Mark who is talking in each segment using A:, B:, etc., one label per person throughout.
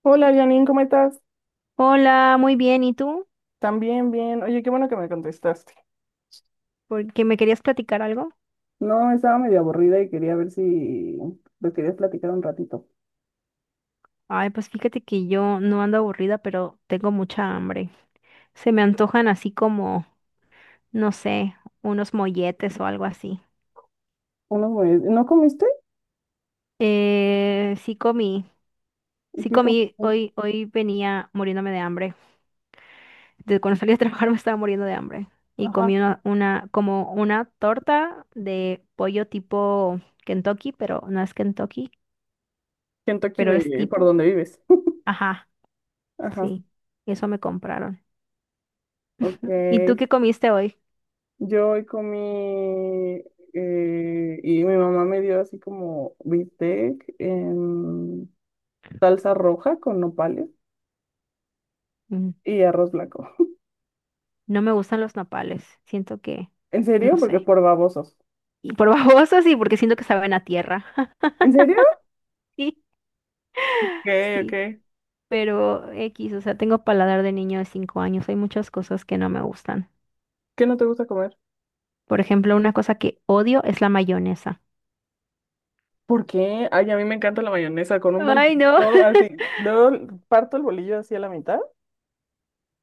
A: Hola Janine, ¿cómo estás?
B: Hola, muy bien. ¿Y tú?
A: También bien. Oye, qué bueno que me contestaste.
B: Porque me querías platicar algo.
A: No, estaba medio aburrida y quería ver si lo querías platicar un ratito.
B: Ay, pues fíjate que yo no ando aburrida, pero tengo mucha hambre. Se me antojan así como, no sé, unos molletes o algo así.
A: Unos mue- ¿No comiste?
B: Sí comí, sí
A: ¿Qué
B: comí.
A: comiste?
B: Hoy venía muriéndome de hambre. Desde cuando salí a trabajar me estaba muriendo de hambre. Y
A: Ajá.
B: comí como una torta de pollo tipo Kentucky, pero no es Kentucky,
A: Kentucky
B: pero es
A: de por
B: tipo.
A: donde vives.
B: Ajá,
A: Ajá,
B: sí. Eso me compraron. ¿Y tú
A: ok.
B: qué comiste hoy?
A: Yo hoy comí y mi mamá me dio así como bistec en salsa roja con nopales
B: Mm.
A: y arroz blanco.
B: No me gustan los nopales. Siento que,
A: ¿En
B: no
A: serio? Porque
B: sé.
A: por babosos.
B: Y por babosa sí, porque siento que saben a tierra.
A: ¿En serio?
B: Sí,
A: Ok, ok.
B: sí. Pero X, o sea, tengo paladar de niño de 5 años. Hay muchas cosas que no me gustan.
A: ¿Qué no te gusta comer?
B: Por ejemplo, una cosa que odio es la mayonesa.
A: ¿Por qué? Ay, a mí me encanta la mayonesa con un bolillo.
B: Ay, no.
A: Así, luego parto el bolillo así a la mitad,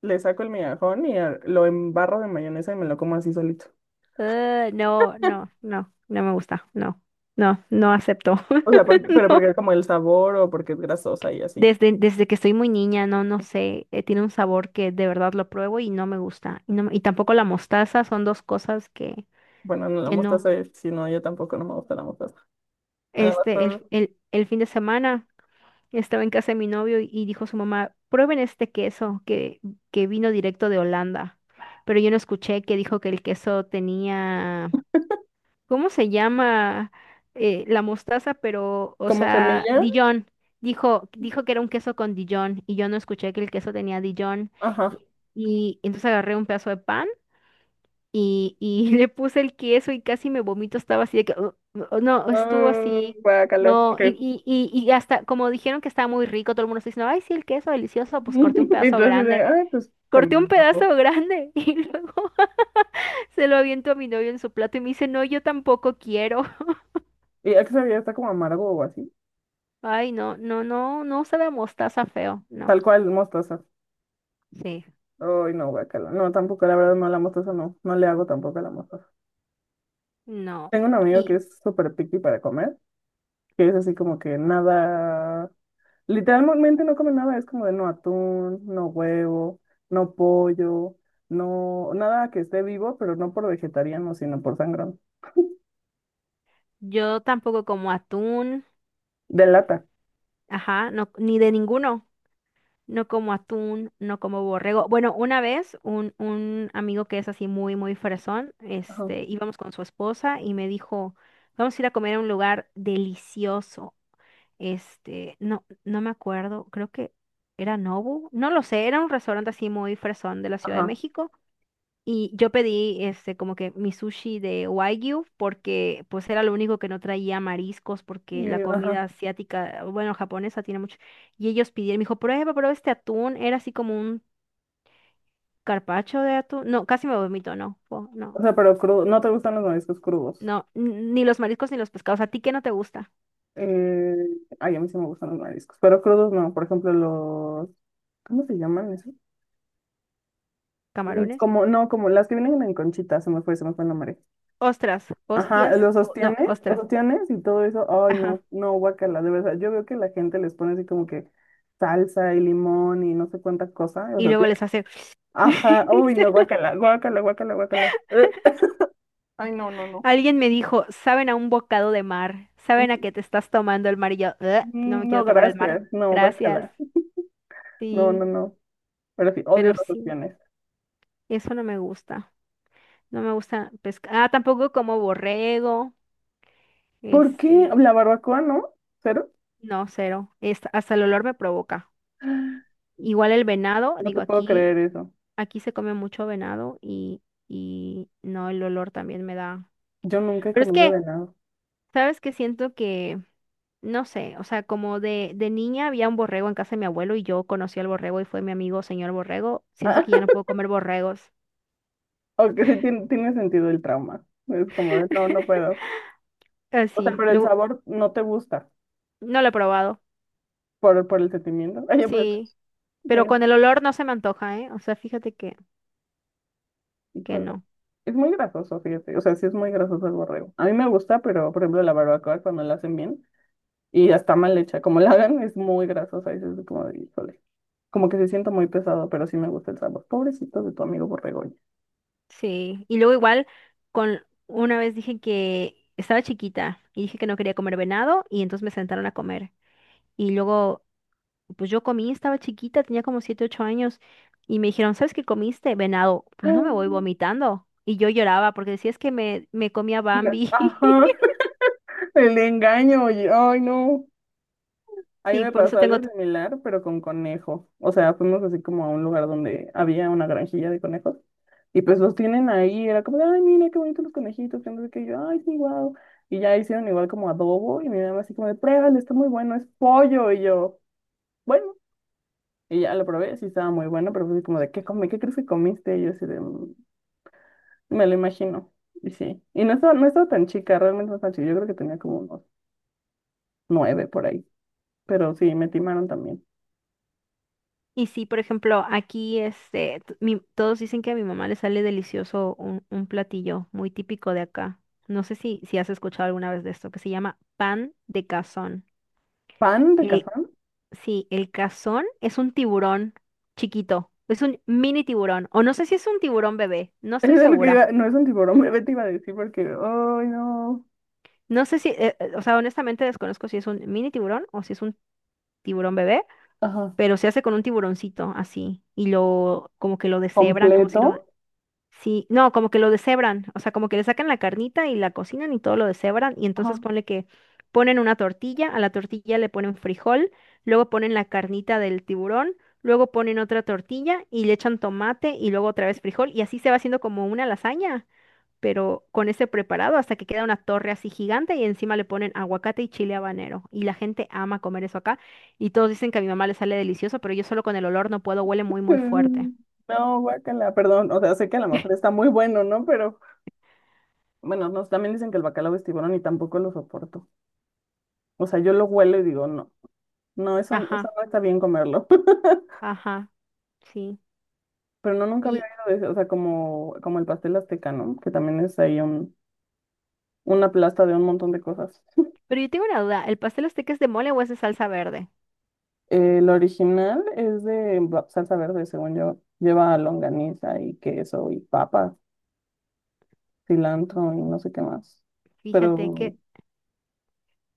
A: le saco el migajón y a- lo embarro de mayonesa y me lo como así solito.
B: Ah, no, no, no, no me gusta. No, no, no acepto.
A: O sea, porque- pero porque
B: No.
A: es como el sabor o porque es grasosa y así.
B: Desde que estoy muy niña, no, no sé, tiene un sabor que de verdad lo pruebo y no me gusta. Y, no me- y tampoco la mostaza, son dos cosas
A: Bueno, no la
B: que no.
A: mostaza, si no, yo tampoco no me gusta la mostaza. Además,
B: Este, el,
A: por-
B: el, el fin de semana estaba en casa de mi novio y dijo su mamá, prueben este queso que vino directo de Holanda. Pero yo no escuché que dijo que el queso tenía. ¿Cómo se llama, la mostaza? Pero, o
A: como
B: sea,
A: semilla,
B: Dijon. Dijo, dijo que era un queso con Dijon y yo no escuché que el queso tenía Dijon.
A: ajá.
B: Y, y entonces agarré un pedazo de pan y le puse el queso y casi me vomito. Estaba así de que, "Ugh, ugh", no, estuvo
A: Ah,
B: así.
A: guácala,
B: No,
A: ok.
B: y hasta como dijeron que estaba muy rico, todo el mundo está diciendo, ay, sí, el queso delicioso, pues corté un pedazo
A: Entonces, de,
B: grande.
A: ay, pues se me
B: Corté un pedazo
A: antojó.
B: grande y luego se lo aviento a mi novio en su plato y me dice, no, yo tampoco quiero.
A: Y ya que sabía, está como amargo o así.
B: Ay, no, no, no, no sabe a mostaza feo, no,
A: Tal cual, mostaza.
B: sí,
A: Ay, no, guacala. No, tampoco, la verdad, no, la mostaza no. No le hago tampoco a la mostaza.
B: no.
A: Tengo un amigo que
B: Y
A: es súper picky para comer, que es así como que nada. Literalmente no come nada, es como de no atún, no huevo, no pollo, no. Nada que esté vivo, pero no por vegetariano, sino por sangrón.
B: yo tampoco como atún,
A: De lata.
B: ajá, no, ni de ninguno. No como atún, no como borrego. Bueno, una vez un amigo que es así muy, muy fresón,
A: Ajá.
B: este, íbamos con su esposa y me dijo, vamos a ir a comer a un lugar delicioso. Este, no, no me acuerdo, creo que era Nobu, no lo sé, era un restaurante así muy fresón de la Ciudad de
A: Ajá.
B: México. Y yo pedí este como que mi sushi de Wagyu porque pues era lo único que no traía mariscos porque la
A: Y, ajá.
B: comida asiática, ah, bueno, japonesa tiene mucho. Y ellos pidieron, me dijo, prueba, prueba este atún. Era así como un carpacho de atún. No, casi me vomito, no, po-
A: O
B: no,
A: sea, pero crudo. No te gustan los mariscos crudos.
B: no, n- ni los mariscos ni los pescados. ¿A ti qué no te gusta?
A: Eh, ay, a mí sí me gustan los mariscos, pero crudos no. Por ejemplo, los. ¿Cómo se llaman? Esos. Mm,
B: ¿Camarones?
A: como, no, como las que vienen en conchita, se me fue el nombre.
B: Ostras,
A: Ajá,
B: hostias, o- no,
A: los
B: ostras.
A: ostiones y todo eso. Ay, no,
B: Ajá.
A: no, guacala, de verdad. Yo veo que la gente les pone así como que salsa y limón y no sé cuánta cosa. O
B: Y
A: sea,
B: luego
A: tiene-
B: les hace...
A: Ajá, uy, no, guacala, guacala, guacala, guacala. Ay, no, no, no.
B: Alguien me dijo, saben a un bocado de mar, saben a que te estás tomando el mar y yo, "Ugh, no me
A: Mm, no,
B: quiero tomar el mar,
A: gracias, no,
B: gracias".
A: guacala. No, no,
B: Sí,
A: no. Pero sí, odio
B: pero
A: las
B: sí,
A: opciones.
B: eso no me gusta. No me gusta pescar. Ah, tampoco como borrego,
A: ¿Por qué?
B: este,
A: La barbacoa, ¿no? ¿Cero?
B: no, cero. Es- hasta el olor me provoca. Igual el venado,
A: No
B: digo,
A: te puedo
B: aquí,
A: creer eso.
B: aquí se come mucho venado y no, el olor también me da.
A: Yo nunca he
B: Pero es
A: comido
B: que
A: venado.
B: sabes que siento que, no sé, o sea, como de niña había un borrego en casa de mi abuelo y yo conocí al borrego y fue mi amigo señor borrego. Siento que ya no puedo comer borregos.
A: Aunque sí tiene sentido el trauma. Es como de, no, no puedo. O sea,
B: Así,
A: pero el
B: luego,
A: sabor no te gusta
B: no lo he probado.
A: por el sentimiento. Oye, pero
B: Sí,
A: el-
B: pero
A: tiene,
B: con el olor no se me antoja, ¿eh? O sea, fíjate que
A: híjole,
B: no.
A: es muy grasoso, fíjate. O sea, sí es muy grasoso el borrego. A mí me gusta, pero por ejemplo la barbacoa cuando la hacen bien y está mal hecha, como la hagan, es muy grasosa. Y es así como de, híjole. Como que se siente muy pesado, pero sí me gusta el sabor. Pobrecito de tu amigo borrego, oye.
B: Sí, y luego igual, con una vez dije que estaba chiquita y dije que no quería comer venado y entonces me sentaron a comer. Y luego pues yo comí, estaba chiquita, tenía como 7 u 8 años, y me dijeron, ¿sabes qué comiste? Venado, pues no me voy vomitando. Y yo lloraba porque decía, es que me comía Bambi.
A: Ajá, el engaño, oye. Ay, no. A mí
B: Sí,
A: me
B: por
A: pasó
B: eso
A: algo
B: tengo... t-
A: similar, pero con conejos. O sea, fuimos así como a un lugar donde había una granjilla de conejos. Y pues los tienen ahí. Era como, de, ay, mira qué bonitos los conejitos. Que no sé qué. Y yo, ay, sí, wow. Y ya hicieron igual como adobo. Y mi mamá así como de, pruébalo, está muy bueno, es pollo. Y yo, bueno. Y ya lo probé, sí estaba muy bueno, pero fue así como de, ¿qué comí? ¿Qué crees que comiste? Y yo así de, "Mm, me lo imagino". Y sí. Y no estaba, no estaba tan chica, realmente no estaba chica. Yo creo que tenía como unos nueve por ahí. Pero sí, me timaron también.
B: Y sí, por ejemplo, aquí este, t- mi- todos dicen que a mi mamá le sale delicioso un platillo muy típico de acá. No sé si, si has escuchado alguna vez de esto, que se llama pan de cazón.
A: Pan de
B: El-
A: café.
B: sí, el cazón es un tiburón chiquito, es un mini tiburón, o no sé si es un tiburón bebé, no
A: Es
B: estoy
A: de lo que
B: segura.
A: iba, no es un tiburón, me te iba a decir porque, ay, no.
B: No sé si, o sea, honestamente desconozco si es un mini tiburón o si es un tiburón bebé,
A: Ajá.
B: pero se hace con un tiburoncito así y lo, como que lo deshebran, como si lo,
A: ¿Completo?
B: sí, no, como que lo deshebran, o sea, como que le sacan la carnita y la cocinan y todo lo deshebran y
A: Ajá.
B: entonces ponle que ponen una tortilla, a la tortilla le ponen frijol, luego ponen la carnita del tiburón, luego ponen otra tortilla y le echan tomate y luego otra vez frijol y así se va haciendo como una lasaña pero con ese preparado hasta que queda una torre así gigante y encima le ponen aguacate y chile habanero. Y la gente ama comer eso acá y todos dicen que a mi mamá le sale delicioso, pero yo solo con el olor no puedo, huele muy, muy fuerte.
A: Mm, no, guácala, perdón. O sea, sé que a lo mejor está muy bueno, ¿no? Pero bueno, nos también dicen que el bacalao es tiburón y tampoco lo soporto. O sea, yo lo huelo y digo, no, no, eso
B: Ajá,
A: no está bien comerlo.
B: ajá, sí.
A: Pero no, nunca había
B: Y,
A: oído de eso. O sea, como, como el pastel azteca, ¿no? Que también es ahí un, una plasta de un montón de cosas.
B: pero yo tengo una duda, ¿el pastel azteca es de mole o es de salsa verde?
A: El original es de ba- salsa verde, según yo. Lleva longaniza y queso y papas, cilantro y no sé qué más.
B: Fíjate, qué,
A: Pero,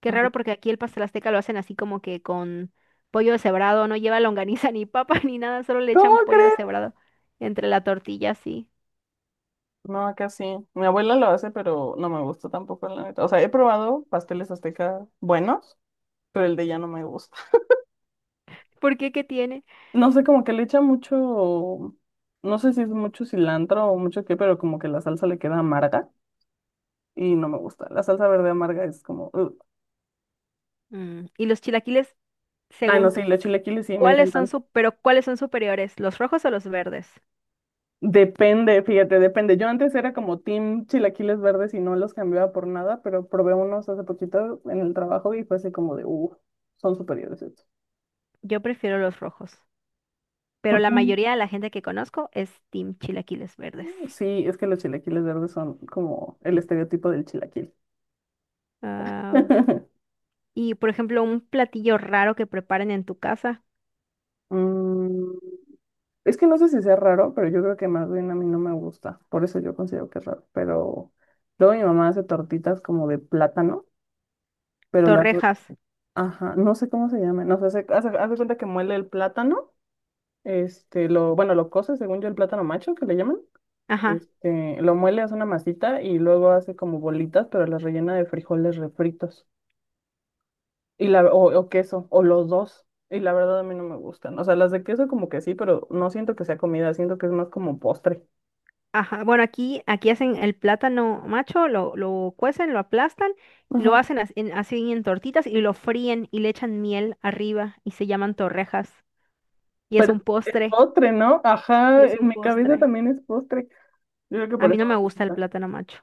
B: qué
A: ajá.
B: raro porque aquí el pastel azteca lo hacen así como que con pollo deshebrado, no lleva longaniza ni papa ni nada, solo le
A: ¿Cómo
B: echan pollo
A: crees?
B: deshebrado entre la tortilla, sí.
A: No, acá sí. Mi abuela lo hace, pero no me gusta tampoco, la neta. O sea, he probado pasteles aztecas buenos, pero el de ella no me gusta.
B: ¿Por qué? ¿Qué tiene?
A: No sé, como que le echa mucho, no sé si es mucho cilantro o mucho qué, pero como que la salsa le queda amarga y no me gusta. La salsa verde amarga es como, "Ugh".
B: Mm, ¿y los chilaquiles?
A: Ay, no,
B: Según
A: sí,
B: tú,
A: los chilaquiles sí, me
B: ¿cuáles son
A: encantan.
B: su- pero cuáles son superiores, los rojos o los verdes?
A: Depende, fíjate, depende. Yo antes era como team chilaquiles verdes y no los cambiaba por nada, pero probé unos hace poquito en el trabajo y fue así como de, uff, son superiores estos.
B: Yo prefiero los rojos, pero
A: ¿Por
B: la
A: qué?
B: mayoría de la gente que conozco es team chilaquiles verdes.
A: Sí, es que los chilaquiles verdes son como el estereotipo del chilaquil.
B: Ah, y por ejemplo, un platillo raro que preparen en tu casa,
A: Mm, es que no sé si sea raro, pero yo creo que más bien a mí no me gusta. Por eso yo considero que es raro. Pero luego mi mamá hace tortitas como de plátano, pero las... dor-
B: torrejas.
A: Ajá, no sé cómo se llaman. No sé, hace, hace cuenta que muele el plátano. Este, lo, bueno, lo cose, según yo, el plátano macho, que le llaman.
B: Ajá,
A: Este, lo muele, hace una masita y luego hace como bolitas, pero las rellena de frijoles refritos. Y la, o queso, o los dos. Y la verdad a mí no me gustan. O sea, las de queso como que sí, pero no siento que sea comida, siento que es más como postre.
B: ajá. Bueno, aquí hacen el plátano macho, lo cuecen, lo aplastan, lo
A: Ajá.
B: hacen as- en- así en tortitas y lo fríen y le echan miel arriba y se llaman torrejas y es
A: Pero
B: un
A: es
B: postre,
A: postre, ¿no?
B: y
A: Ajá,
B: es
A: en
B: un
A: mi cabeza
B: postre.
A: también es postre. Yo creo que
B: A
A: por
B: mí
A: eso
B: no me
A: me
B: gusta el
A: gusta.
B: plátano macho.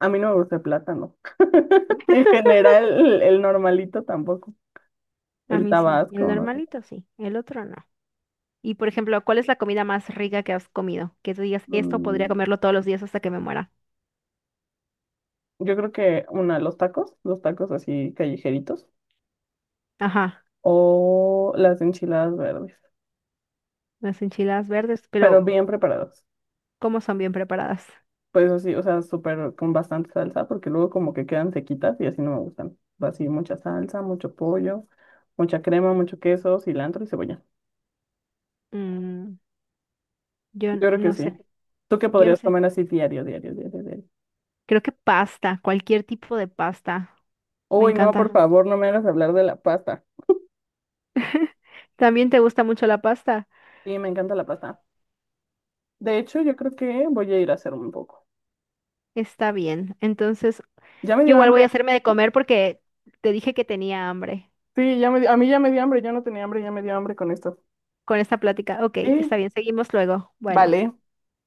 A: A mí no me gusta el plátano. En general, el, normalito tampoco.
B: A
A: El
B: mí sí,
A: tabasco,
B: el
A: no sé.
B: normalito sí, el otro no. Y por ejemplo, ¿cuál es la comida más rica que has comido? Que tú digas, esto podría
A: Mm,
B: comerlo todos los días hasta que me muera.
A: yo creo que una, los tacos así callejeritos,
B: Ajá,
A: o las enchiladas verdes,
B: las enchiladas verdes,
A: pero
B: pero
A: bien preparadas.
B: ¿cómo son bien preparadas?
A: Pues así, o sea, súper con bastante salsa, porque luego como que quedan sequitas y así no me gustan. Así mucha salsa, mucho pollo, mucha crema, mucho queso, cilantro y cebolla.
B: Mm, yo
A: Yo
B: n-
A: creo que
B: no
A: sí.
B: sé,
A: ¿Tú qué
B: yo no
A: podrías
B: sé.
A: comer así diario, diario, diario, diario?
B: Creo que pasta, cualquier tipo de pasta. Me
A: Uy, no, por
B: encanta.
A: favor, no me hagas hablar de la pasta.
B: ¿También te gusta mucho la pasta?
A: Sí, me encanta la pasta. De hecho, yo creo que voy a ir a hacer un poco.
B: Está bien. Entonces,
A: Ya me
B: yo
A: dio
B: igual voy
A: hambre.
B: a hacerme de comer porque te dije que tenía hambre
A: Sí, ya me, di- a mí ya me dio hambre, yo no tenía hambre, ya me dio hambre con esto.
B: con esta plática. Ok, está
A: Sí,
B: bien, seguimos luego. Bueno,
A: vale,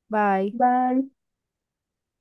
B: bye.
A: bye.